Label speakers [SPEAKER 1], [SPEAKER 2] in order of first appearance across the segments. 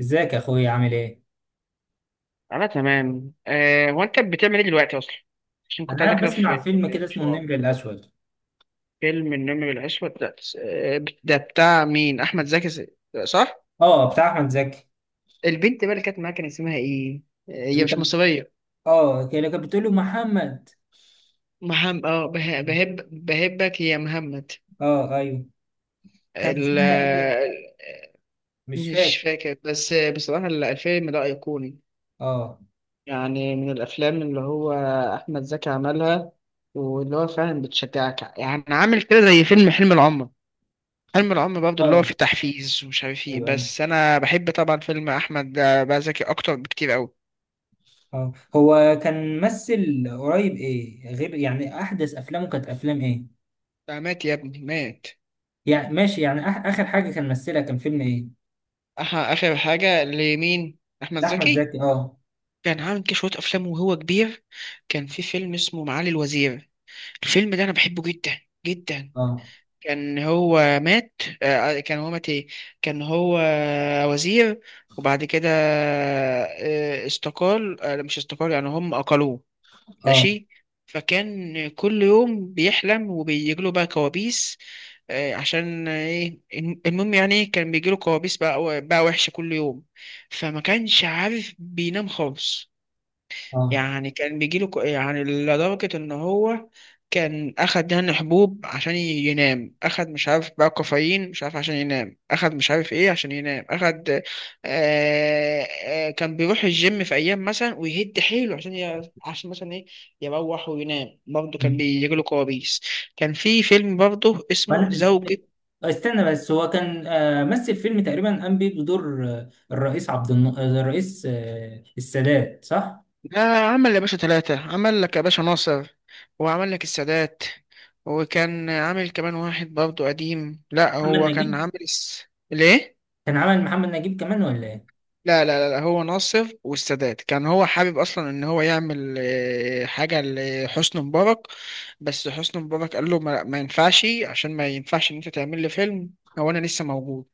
[SPEAKER 1] ازيك يا اخويا؟ عامل ايه؟
[SPEAKER 2] انا تمام أه. هو انت بتعمل ايه دلوقتي اصلا؟ عشان كنت
[SPEAKER 1] انا
[SPEAKER 2] عايز
[SPEAKER 1] قاعد
[SPEAKER 2] كده
[SPEAKER 1] بسمع
[SPEAKER 2] في
[SPEAKER 1] فيلم كده
[SPEAKER 2] في
[SPEAKER 1] اسمه
[SPEAKER 2] شو.
[SPEAKER 1] النمر الاسود.
[SPEAKER 2] فيلم النمر بالعشوة ده، ده بتاع مين؟ احمد زكي؟ صح.
[SPEAKER 1] اه، بتاع احمد زكي.
[SPEAKER 2] البنت بقى اللي كانت معاك كان اسمها ايه؟ آه، هي
[SPEAKER 1] اللي
[SPEAKER 2] مش
[SPEAKER 1] كان
[SPEAKER 2] مصرية.
[SPEAKER 1] اه اللي كانت بتقول له محمد.
[SPEAKER 2] مهم، بهبك يا محمد.
[SPEAKER 1] اه، ايوه. كان
[SPEAKER 2] ال
[SPEAKER 1] اسمها ايه؟ مش
[SPEAKER 2] مش
[SPEAKER 1] فاكر.
[SPEAKER 2] فاكر، بس بصراحة الفيلم ده أيقوني.
[SPEAKER 1] اه،
[SPEAKER 2] يعني من الأفلام اللي هو أحمد زكي عملها، واللي هو فعلا بتشجعك، يعني عامل كده زي فيلم حلم العمر. فيلم العم برضه اللي هو
[SPEAKER 1] اه،
[SPEAKER 2] فيه تحفيز ومش عارف ايه،
[SPEAKER 1] ايوه،
[SPEAKER 2] بس
[SPEAKER 1] ايوه.
[SPEAKER 2] انا بحب طبعا فيلم احمد بقى زكي اكتر بكتير قوي.
[SPEAKER 1] اه، هو كان ممثل قريب ايه؟ غير يعني احدث افلامه كانت افلام ايه؟
[SPEAKER 2] ده مات يا ابني، مات.
[SPEAKER 1] يعني ماشي. يعني اخر حاجه كان ممثلها كان فيلم ايه؟
[SPEAKER 2] اخر حاجه لمين؟ احمد
[SPEAKER 1] لاحمد
[SPEAKER 2] زكي
[SPEAKER 1] زكي، اه.
[SPEAKER 2] كان عامل كده شويه افلام وهو كبير. كان في فيلم اسمه معالي الوزير، الفيلم ده انا بحبه جدا جدا.
[SPEAKER 1] اه،
[SPEAKER 2] كان هو مات، كان هو مات ايه، كان هو وزير، وبعد كده استقال، مش استقال يعني، هم اقلوه.
[SPEAKER 1] اه،
[SPEAKER 2] ماشي. فكان كل يوم بيحلم وبيجيله بقى كوابيس، عشان ايه المهم يعني إيه، كان بيجيله كوابيس بقى وحشة كل يوم، فما كانش عارف بينام خالص.
[SPEAKER 1] اه.
[SPEAKER 2] يعني كان بيجيله يعني لدرجة إن هو كان أخد يعني حبوب عشان ينام، أخد مش عارف بقى كافيين مش عارف عشان ينام، أخد مش عارف إيه عشان ينام أخد. كان بيروح الجيم في أيام مثلا ويهد حيله عشان مثلا إيه، يروح وينام برضه كان بيجيله كوابيس. كان في فيلم برضه اسمه
[SPEAKER 1] وانا
[SPEAKER 2] زوجة.
[SPEAKER 1] استنى بس. هو كان، مثل فيلم تقريبا، قام بيه بدور الرئيس عبد الن... آه، الرئيس السادات، صح؟
[SPEAKER 2] لا، عمل يا باشا ثلاثة، عمل لك يا باشا ناصر، وعمل لك السادات، وكان عامل كمان واحد برضه قديم. لا،
[SPEAKER 1] محمد
[SPEAKER 2] هو كان
[SPEAKER 1] نجيب.
[SPEAKER 2] عامل ليه؟
[SPEAKER 1] كان عمل محمد نجيب كمان ولا ايه؟
[SPEAKER 2] لا، هو ناصر والسادات، كان هو حابب أصلا إن هو يعمل حاجة لحسني مبارك، بس حسني مبارك قال له ما ينفعش، عشان ما ينفعش إن أنت تعمل لي فيلم، هو أنا لسه موجود.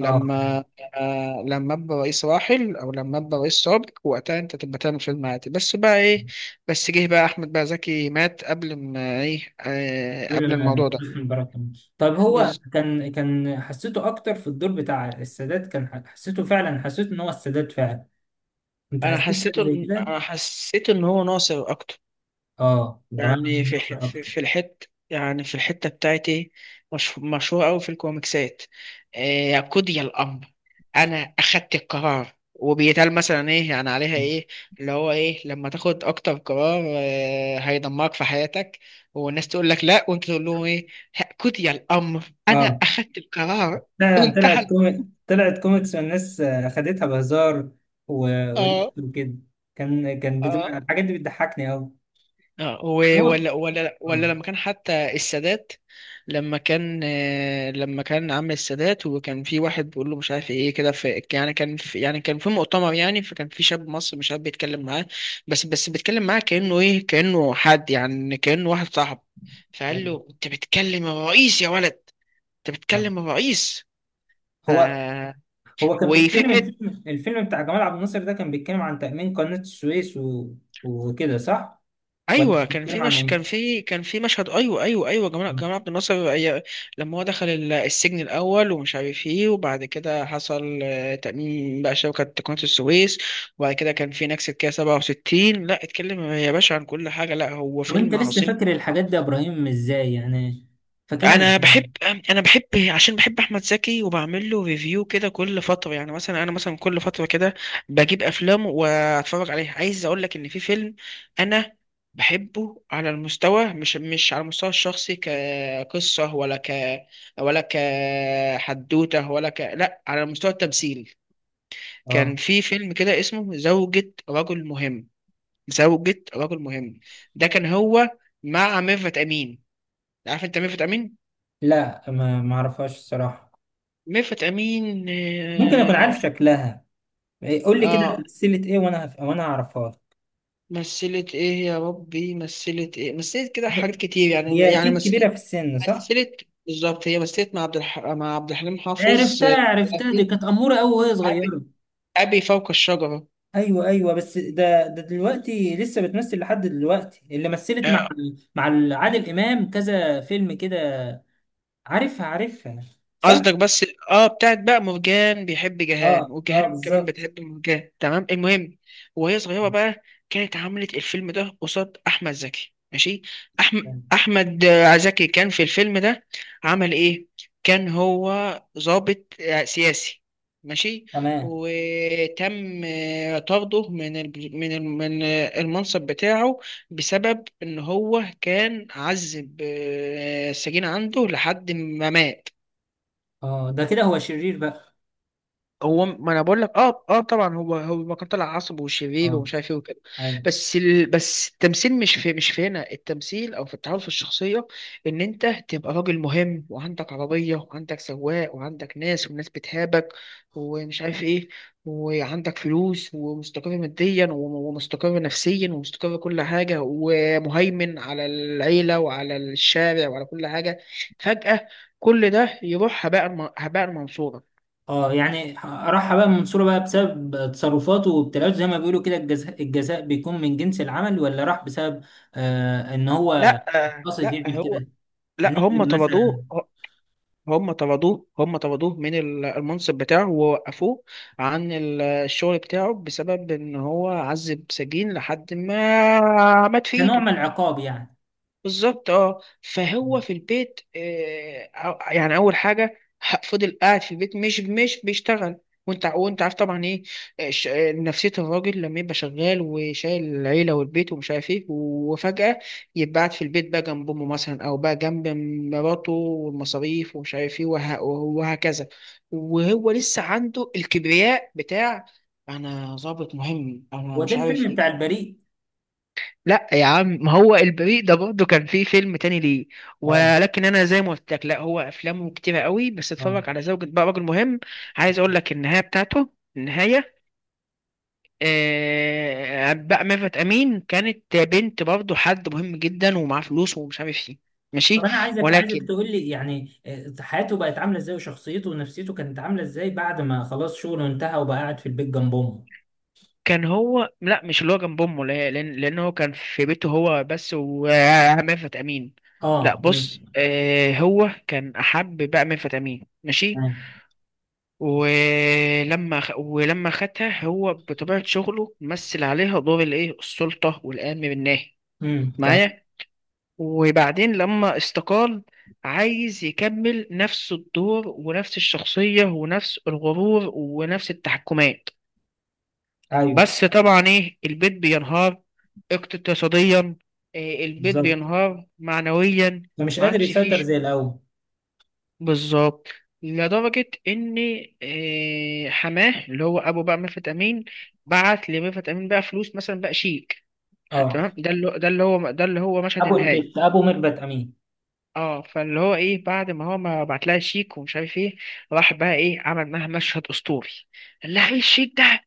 [SPEAKER 1] اه.
[SPEAKER 2] لما ابقى رئيس راحل، او لما ابقى رئيس سابق، وقتها انت تبقى تعمل فيلم عادي، بس بقى ايه. بس جه بقى احمد بقى زكي مات قبل ما ايه، قبل
[SPEAKER 1] دول
[SPEAKER 2] الموضوع ده.
[SPEAKER 1] حسني مبارك كمان. طب هو
[SPEAKER 2] بس
[SPEAKER 1] كان حسيته اكتر في الدور بتاع السادات. كان حسيته فعلا، حسيت ان هو السادات فعلا. انت
[SPEAKER 2] انا
[SPEAKER 1] حسيت
[SPEAKER 2] حسيته
[SPEAKER 1] حاجه زي كده؟
[SPEAKER 2] انا حسيت ان هو ناصر اكتر.
[SPEAKER 1] اه، جماعه، أنا
[SPEAKER 2] يعني
[SPEAKER 1] بتأثر
[SPEAKER 2] في
[SPEAKER 1] اكتر.
[SPEAKER 2] في الحت، يعني في الحتة بتاعتي، مش مشهور أوي في الكوميكسات. يا قضي الأمر، أنا أخدت القرار، وبيتقال مثلا إيه يعني عليها إيه، اللي هو إيه لما تاخد أكتر قرار هيدمرك في حياتك، والناس تقول لك لأ وأنت تقول لهم إيه، قضي الأمر، أنا
[SPEAKER 1] اه،
[SPEAKER 2] أخدت القرار،
[SPEAKER 1] فعلا.
[SPEAKER 2] وانتهى الموضوع.
[SPEAKER 1] طلعت كوميكس، والناس خدتها بهزار و... وليه
[SPEAKER 2] آه.
[SPEAKER 1] وكده. كان بتبقى
[SPEAKER 2] آه.
[SPEAKER 1] الحاجات دي بتضحكني قوي.
[SPEAKER 2] اه،
[SPEAKER 1] كان
[SPEAKER 2] و-
[SPEAKER 1] هو،
[SPEAKER 2] ولا ولا ولا
[SPEAKER 1] آه،
[SPEAKER 2] لما كان حتى السادات، لما كان لما كان عم السادات وكان في واحد بيقول له مش عارف ايه كده، في يعني كان في، كان في مؤتمر يعني، فكان في شاب مصري مش عارف بيتكلم معاه، بس بيتكلم معاه كأنه ايه، كأنه حد، يعني كأنه واحد صاحب، فقال
[SPEAKER 1] أيوة.
[SPEAKER 2] له انت بتكلم الرئيس يا ولد، انت
[SPEAKER 1] آه.
[SPEAKER 2] بتكلم الرئيس. ف...
[SPEAKER 1] هو هو كان
[SPEAKER 2] وفي،
[SPEAKER 1] بيتكلم. الفيلم بتاع جمال عبد الناصر ده كان بيتكلم عن تأمين قناة السويس وكده، صح؟ ولا
[SPEAKER 2] ايوه،
[SPEAKER 1] كان
[SPEAKER 2] كان في
[SPEAKER 1] بيتكلم عن
[SPEAKER 2] مش
[SPEAKER 1] ايه؟
[SPEAKER 2] كان في مشهد، ايوه ايوه ايوه،
[SPEAKER 1] آه.
[SPEAKER 2] جمال عبد الناصر لما هو دخل السجن الاول ومش عارف ايه، وبعد كده حصل تأميم بقى شبكه قناه السويس. وبعد كده كان في نكسه كده 67. لا اتكلم يا باشا عن كل حاجه، لا هو
[SPEAKER 1] طب انت
[SPEAKER 2] فيلم
[SPEAKER 1] لسه
[SPEAKER 2] عظيم.
[SPEAKER 1] فاكر الحاجات دي يا ابراهيم؟ ازاي يعني فاكرها؟
[SPEAKER 2] انا
[SPEAKER 1] ازاي؟
[SPEAKER 2] بحب انا بحب عشان بحب احمد زكي، وبعمل له ريفيو كده كل فتره، يعني مثلا انا مثلا كل فتره كده بجيب افلام واتفرج عليها. عايز اقول لك ان في فيلم انا بحبه على المستوى، مش على المستوى الشخصي كقصه، ولا كحدوته، ولا ك لا، على مستوى التمثيل. كان
[SPEAKER 1] اه.
[SPEAKER 2] في فيلم كده اسمه زوجة رجل مهم، زوجة رجل مهم، ده كان هو مع ميرفت امين. عارف انت ميرفت امين؟
[SPEAKER 1] لا، ما اعرفهاش الصراحة.
[SPEAKER 2] ميرفت أمين،
[SPEAKER 1] ممكن اكون
[SPEAKER 2] آه.
[SPEAKER 1] عارف شكلها. إيه، قول لي كده.
[SPEAKER 2] آه،
[SPEAKER 1] سلسلة ايه وانا هعرفها؟
[SPEAKER 2] مثلت إيه يا ربي، مثلت إيه، مثلت كده
[SPEAKER 1] ب-
[SPEAKER 2] حاجات كتير،
[SPEAKER 1] هي اكيد كبيره
[SPEAKER 2] مثلت،
[SPEAKER 1] في السن، صح.
[SPEAKER 2] مثلت بالظبط، هي مثلت مع مع عبد الحليم حافظ،
[SPEAKER 1] عرفتها،
[SPEAKER 2] آه،
[SPEAKER 1] عرفتها، دي
[SPEAKER 2] في
[SPEAKER 1] كانت اموره قوي وهي
[SPEAKER 2] أبي،
[SPEAKER 1] صغيره.
[SPEAKER 2] أبي فوق الشجرة.
[SPEAKER 1] ايوه، ايوه. بس ده دلوقتي لسه بتمثل لحد دلوقتي، اللي مثلت مع عادل امام كذا فيلم كده. عارفها، عارفها، صح.
[SPEAKER 2] قصدك، بس اه، بتاعت بقى مرجان بيحب جهان
[SPEAKER 1] اه، اه،
[SPEAKER 2] وجهان كمان
[SPEAKER 1] بالظبط.
[SPEAKER 2] بتحب مرجان، تمام. المهم وهي صغيرة بقى، كانت عملت الفيلم ده قصاد أحمد زكي، ماشي. أحمد أحمد زكي كان في الفيلم ده عمل إيه؟ كان هو ضابط سياسي، ماشي.
[SPEAKER 1] تمام.
[SPEAKER 2] وتم طرده من المنصب بتاعه، بسبب إن هو كان عذب السجين عنده لحد ما مات.
[SPEAKER 1] اه، ده كده هو شرير بقى.
[SPEAKER 2] هو ما انا بقول لك، اه اه، طبعا هو كان طلع عصب وشرير
[SPEAKER 1] اه،
[SPEAKER 2] ومش عارف ايه وكده.
[SPEAKER 1] ايوه.
[SPEAKER 2] بس التمثيل مش في هنا، التمثيل او في التعامل في الشخصيه، ان انت تبقى راجل مهم، وعندك عربيه، وعندك سواق، وعندك ناس والناس بتهابك ومش عارف ايه، وعندك فلوس، ومستقر ماديا، ومستقر نفسيا، ومستقر كل حاجه، ومهيمن على العيله وعلى الشارع وعلى كل حاجه. فجاه كل ده يروح هباء، هباء منصورا.
[SPEAKER 1] اه، يعني راح بقى منصوره بقى بسبب تصرفاته وابتلاءاته، زي ما بيقولوا كده، الجزاء، الجزاء بيكون من جنس العمل، ولا راح بسبب ان هو
[SPEAKER 2] لا
[SPEAKER 1] قصد
[SPEAKER 2] لا
[SPEAKER 1] يعمل
[SPEAKER 2] هو
[SPEAKER 1] كده؟
[SPEAKER 2] لا، هم
[SPEAKER 1] ننزل
[SPEAKER 2] طردوه،
[SPEAKER 1] مثلا؟
[SPEAKER 2] هم طردوه من المنصب بتاعه، ووقفوه عن الشغل بتاعه، بسبب ان هو عذب سجين لحد ما مات في
[SPEAKER 1] كنوع
[SPEAKER 2] ايده.
[SPEAKER 1] من العقاب يعني؟
[SPEAKER 2] بالظبط، اه. فهو في البيت، يعني اول حاجه، فضل قاعد في البيت مش بيشتغل. وانت عارف طبعا ايه نفسيه الراجل لما يبقى شغال وشايل العيله والبيت ومش عارف ايه، وفجاه يبقى قاعد في البيت بقى جنب امه مثلا، او بقى جنب مراته، والمصاريف ومش عارف ايه، وهكذا، وهو لسه عنده الكبرياء بتاع: انا ظابط مهم، انا
[SPEAKER 1] وده
[SPEAKER 2] مش عارف
[SPEAKER 1] الفيلم بتاع
[SPEAKER 2] ايه.
[SPEAKER 1] البريء؟
[SPEAKER 2] لا يا عم، ما هو البريء ده برضه كان فيه فيلم تاني ليه،
[SPEAKER 1] اه،
[SPEAKER 2] ولكن انا زي ما قلت لك، لا، هو افلامه كتيره قوي، بس
[SPEAKER 1] اه.
[SPEAKER 2] اتفرج على زوجة بقى رجل مهم. عايز اقول لك النهايه بتاعته، النهايه. آه بقى، ميرفت امين كانت بنت برضه حد مهم جدا ومعاه فلوس ومش عارف ايه،
[SPEAKER 1] طب
[SPEAKER 2] ماشي.
[SPEAKER 1] انا عايزك
[SPEAKER 2] ولكن
[SPEAKER 1] تقول لي يعني حياته بقت عامله ازاي، وشخصيته ونفسيته كانت عامله ازاي بعد ما خلاص شغله انتهى وبقى قاعد في البيت جنب امه.
[SPEAKER 2] كان هو، لا، مش اللي هو جنب امه، لان هو كان في بيته هو بس وميرفت امين. لا
[SPEAKER 1] اه،
[SPEAKER 2] بص،
[SPEAKER 1] ماشي.
[SPEAKER 2] آه، هو كان احب بقى ميرفت امين، ماشي.
[SPEAKER 1] تمام.
[SPEAKER 2] ولما خدها، هو بطبيعة شغله مثل عليها دور الايه، السلطة والأمن بالناهي
[SPEAKER 1] تمام.
[SPEAKER 2] معايا. وبعدين لما استقال، عايز يكمل نفس الدور ونفس الشخصية ونفس الغرور ونفس التحكمات،
[SPEAKER 1] ايوه،
[SPEAKER 2] بس طبعا ايه، البيت بينهار اقتصاديا، إيه، البيت
[SPEAKER 1] بالظبط.
[SPEAKER 2] بينهار معنويا،
[SPEAKER 1] فمش
[SPEAKER 2] ما
[SPEAKER 1] قادر
[SPEAKER 2] عادش فيه.
[SPEAKER 1] يسيطر زي الاول.
[SPEAKER 2] بالظبط. لدرجة إن حماه، اللي هو أبو بقى ميرفت أمين، بعت لميرفت أمين بقى فلوس مثلا، بقى شيك،
[SPEAKER 1] اه،
[SPEAKER 2] تمام. ده اللي هو مشهد النهاية.
[SPEAKER 1] ابو ميرفت امين.
[SPEAKER 2] اه، فاللي هو ايه، بعد ما هو ما بعت لها شيك ومش عارف ايه، راح بقى ايه، عمل معاها مشهد اسطوري، قال لها ايه الشيك ده،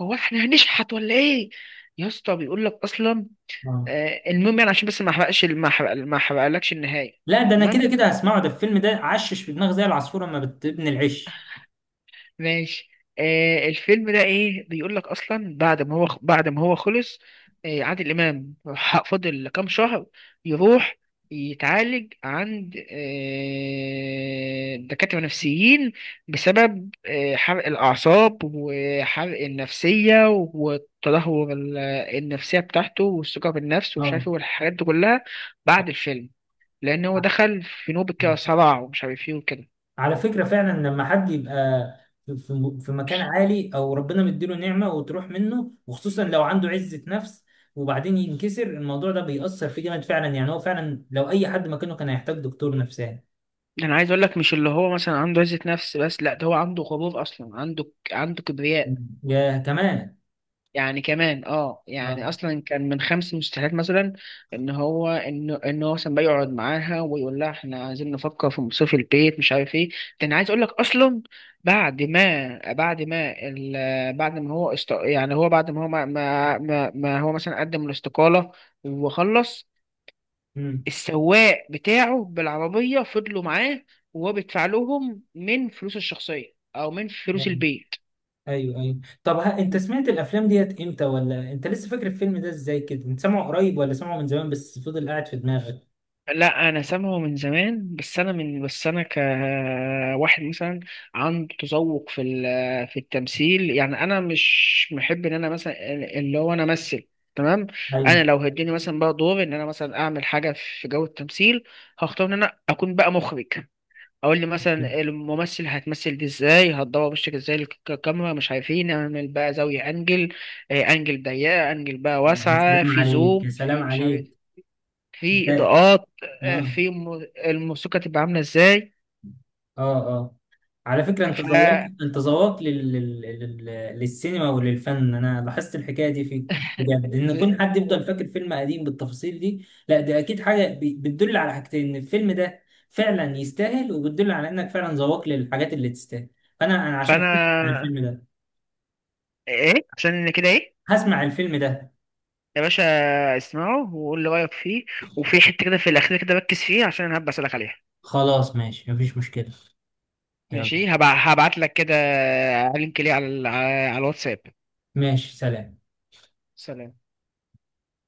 [SPEAKER 2] هو احنا هنشحت ولا ايه، يا اسطى بيقول لك اصلا.
[SPEAKER 1] اه،
[SPEAKER 2] آه المهم، يعني عشان بس ما احرقلكش النهاية.
[SPEAKER 1] لا، ده انا كده كده هسمعه. ده الفيلم ده عشش في دماغ زي العصفوره لما بتبني العش.
[SPEAKER 2] ماشي. آه الفيلم ده ايه، بيقول لك اصلا، بعد ما هو خلص، آه عادل امام، فضل كام شهر يروح يتعالج عند آه دكاترة نفسيين، بسبب آه حرق الأعصاب وحرق النفسية والتدهور النفسية بتاعته والثقة بالنفس ومش عارف
[SPEAKER 1] اه،
[SPEAKER 2] ايه والحاجات دي كلها، بعد الفيلم، لأن هو دخل في نوبة كده صراع ومش عارف ايه وكده.
[SPEAKER 1] على فكرة فعلا لما حد يبقى في في مكان عالي، او ربنا مديله نعمة وتروح منه، وخصوصا لو عنده عزة نفس، وبعدين ينكسر الموضوع ده، بيأثر فيه جامد فعلا. يعني هو فعلا لو اي حد مكانه كان هيحتاج دكتور نفساني.
[SPEAKER 2] ده انا عايز اقول لك، مش اللي هو مثلا عنده عزة نفس بس، لا، ده هو عنده غرور اصلا، عنده كبرياء،
[SPEAKER 1] يا كمان،
[SPEAKER 2] يعني كمان اه،
[SPEAKER 1] اه.
[SPEAKER 2] يعني اصلا كان من خمس مستحيلات مثلا ان هو، ان ان هو مثلا بيقعد معاها ويقول لها احنا عايزين نفكر في مصروف البيت مش عارف ايه. ده انا عايز اقول لك اصلا، بعد ما بعد ما ال... بعد ما هو است... يعني هو بعد ما هو ما ما, ما ما هو مثلا قدم الاستقالة وخلص،
[SPEAKER 1] امم،
[SPEAKER 2] السواق بتاعه بالعربية فضلوا معاه، وهو بيدفع لهم من فلوسه الشخصية أو من فلوس البيت.
[SPEAKER 1] ايوه، ايوه. طب ها، انت سمعت الافلام ديت امتى؟ ولا انت لسه فاكر الفيلم ده ازاي كده؟ انت سامعه قريب ولا سامعه من زمان بس فضل قاعد في دماغك؟
[SPEAKER 2] لا أنا سامعه من زمان، بس أنا كواحد مثلا عنده تذوق في التمثيل، يعني أنا مش محب إن أنا مثلا اللي هو أنا أمثل، تمام.
[SPEAKER 1] ايوه.
[SPEAKER 2] أنا لو هديني مثلا بقى دور إن أنا مثلا أعمل حاجة في جو التمثيل، هختار إن أنا أكون بقى مخرج، اقول لي مثلا الممثل هتمثل دي ازاي، هتدور وشك ازاي، الكاميرا مش عارفين، اعمل بقى زاوية انجل، انجل ضيقة، انجل بقى
[SPEAKER 1] يا
[SPEAKER 2] واسعة،
[SPEAKER 1] سلام
[SPEAKER 2] في
[SPEAKER 1] عليك،
[SPEAKER 2] زوم،
[SPEAKER 1] يا سلام
[SPEAKER 2] في مش عارف،
[SPEAKER 1] عليك.
[SPEAKER 2] في
[SPEAKER 1] ده-
[SPEAKER 2] اضاءات،
[SPEAKER 1] اه،
[SPEAKER 2] الموسيقى تبقى عاملة ازاي.
[SPEAKER 1] اه. على فكرة، انت
[SPEAKER 2] ف
[SPEAKER 1] ذوقت انت ذوقت لل... لل... لل... للسينما وللفن. انا لاحظت الحكاية دي فيك بجد، ان
[SPEAKER 2] ب-
[SPEAKER 1] يكون حد يفضل فاكر فيلم قديم بالتفاصيل دي، لا ده اكيد حاجة بتدل على حاجتين: ان الفيلم ده فعلا يستاهل، وبتدل على انك فعلا ذوقت للحاجات اللي تستاهل. فانا عشان كده هسمع
[SPEAKER 2] فانا
[SPEAKER 1] الفيلم ده.
[SPEAKER 2] ايه، عشان انا كده ايه،
[SPEAKER 1] هسمع الفيلم ده
[SPEAKER 2] يا باشا، اسمعه وقول لي رايك فيه، وفي حته كده في الاخير كده ركز فيه عشان انا هبقى اسالك عليها.
[SPEAKER 1] خلاص، ماشي، مفيش مشكلة. يلا،
[SPEAKER 2] ماشي، هبعت لك كده لينك ليه على على الواتساب.
[SPEAKER 1] ماشي، سلام.
[SPEAKER 2] سلام.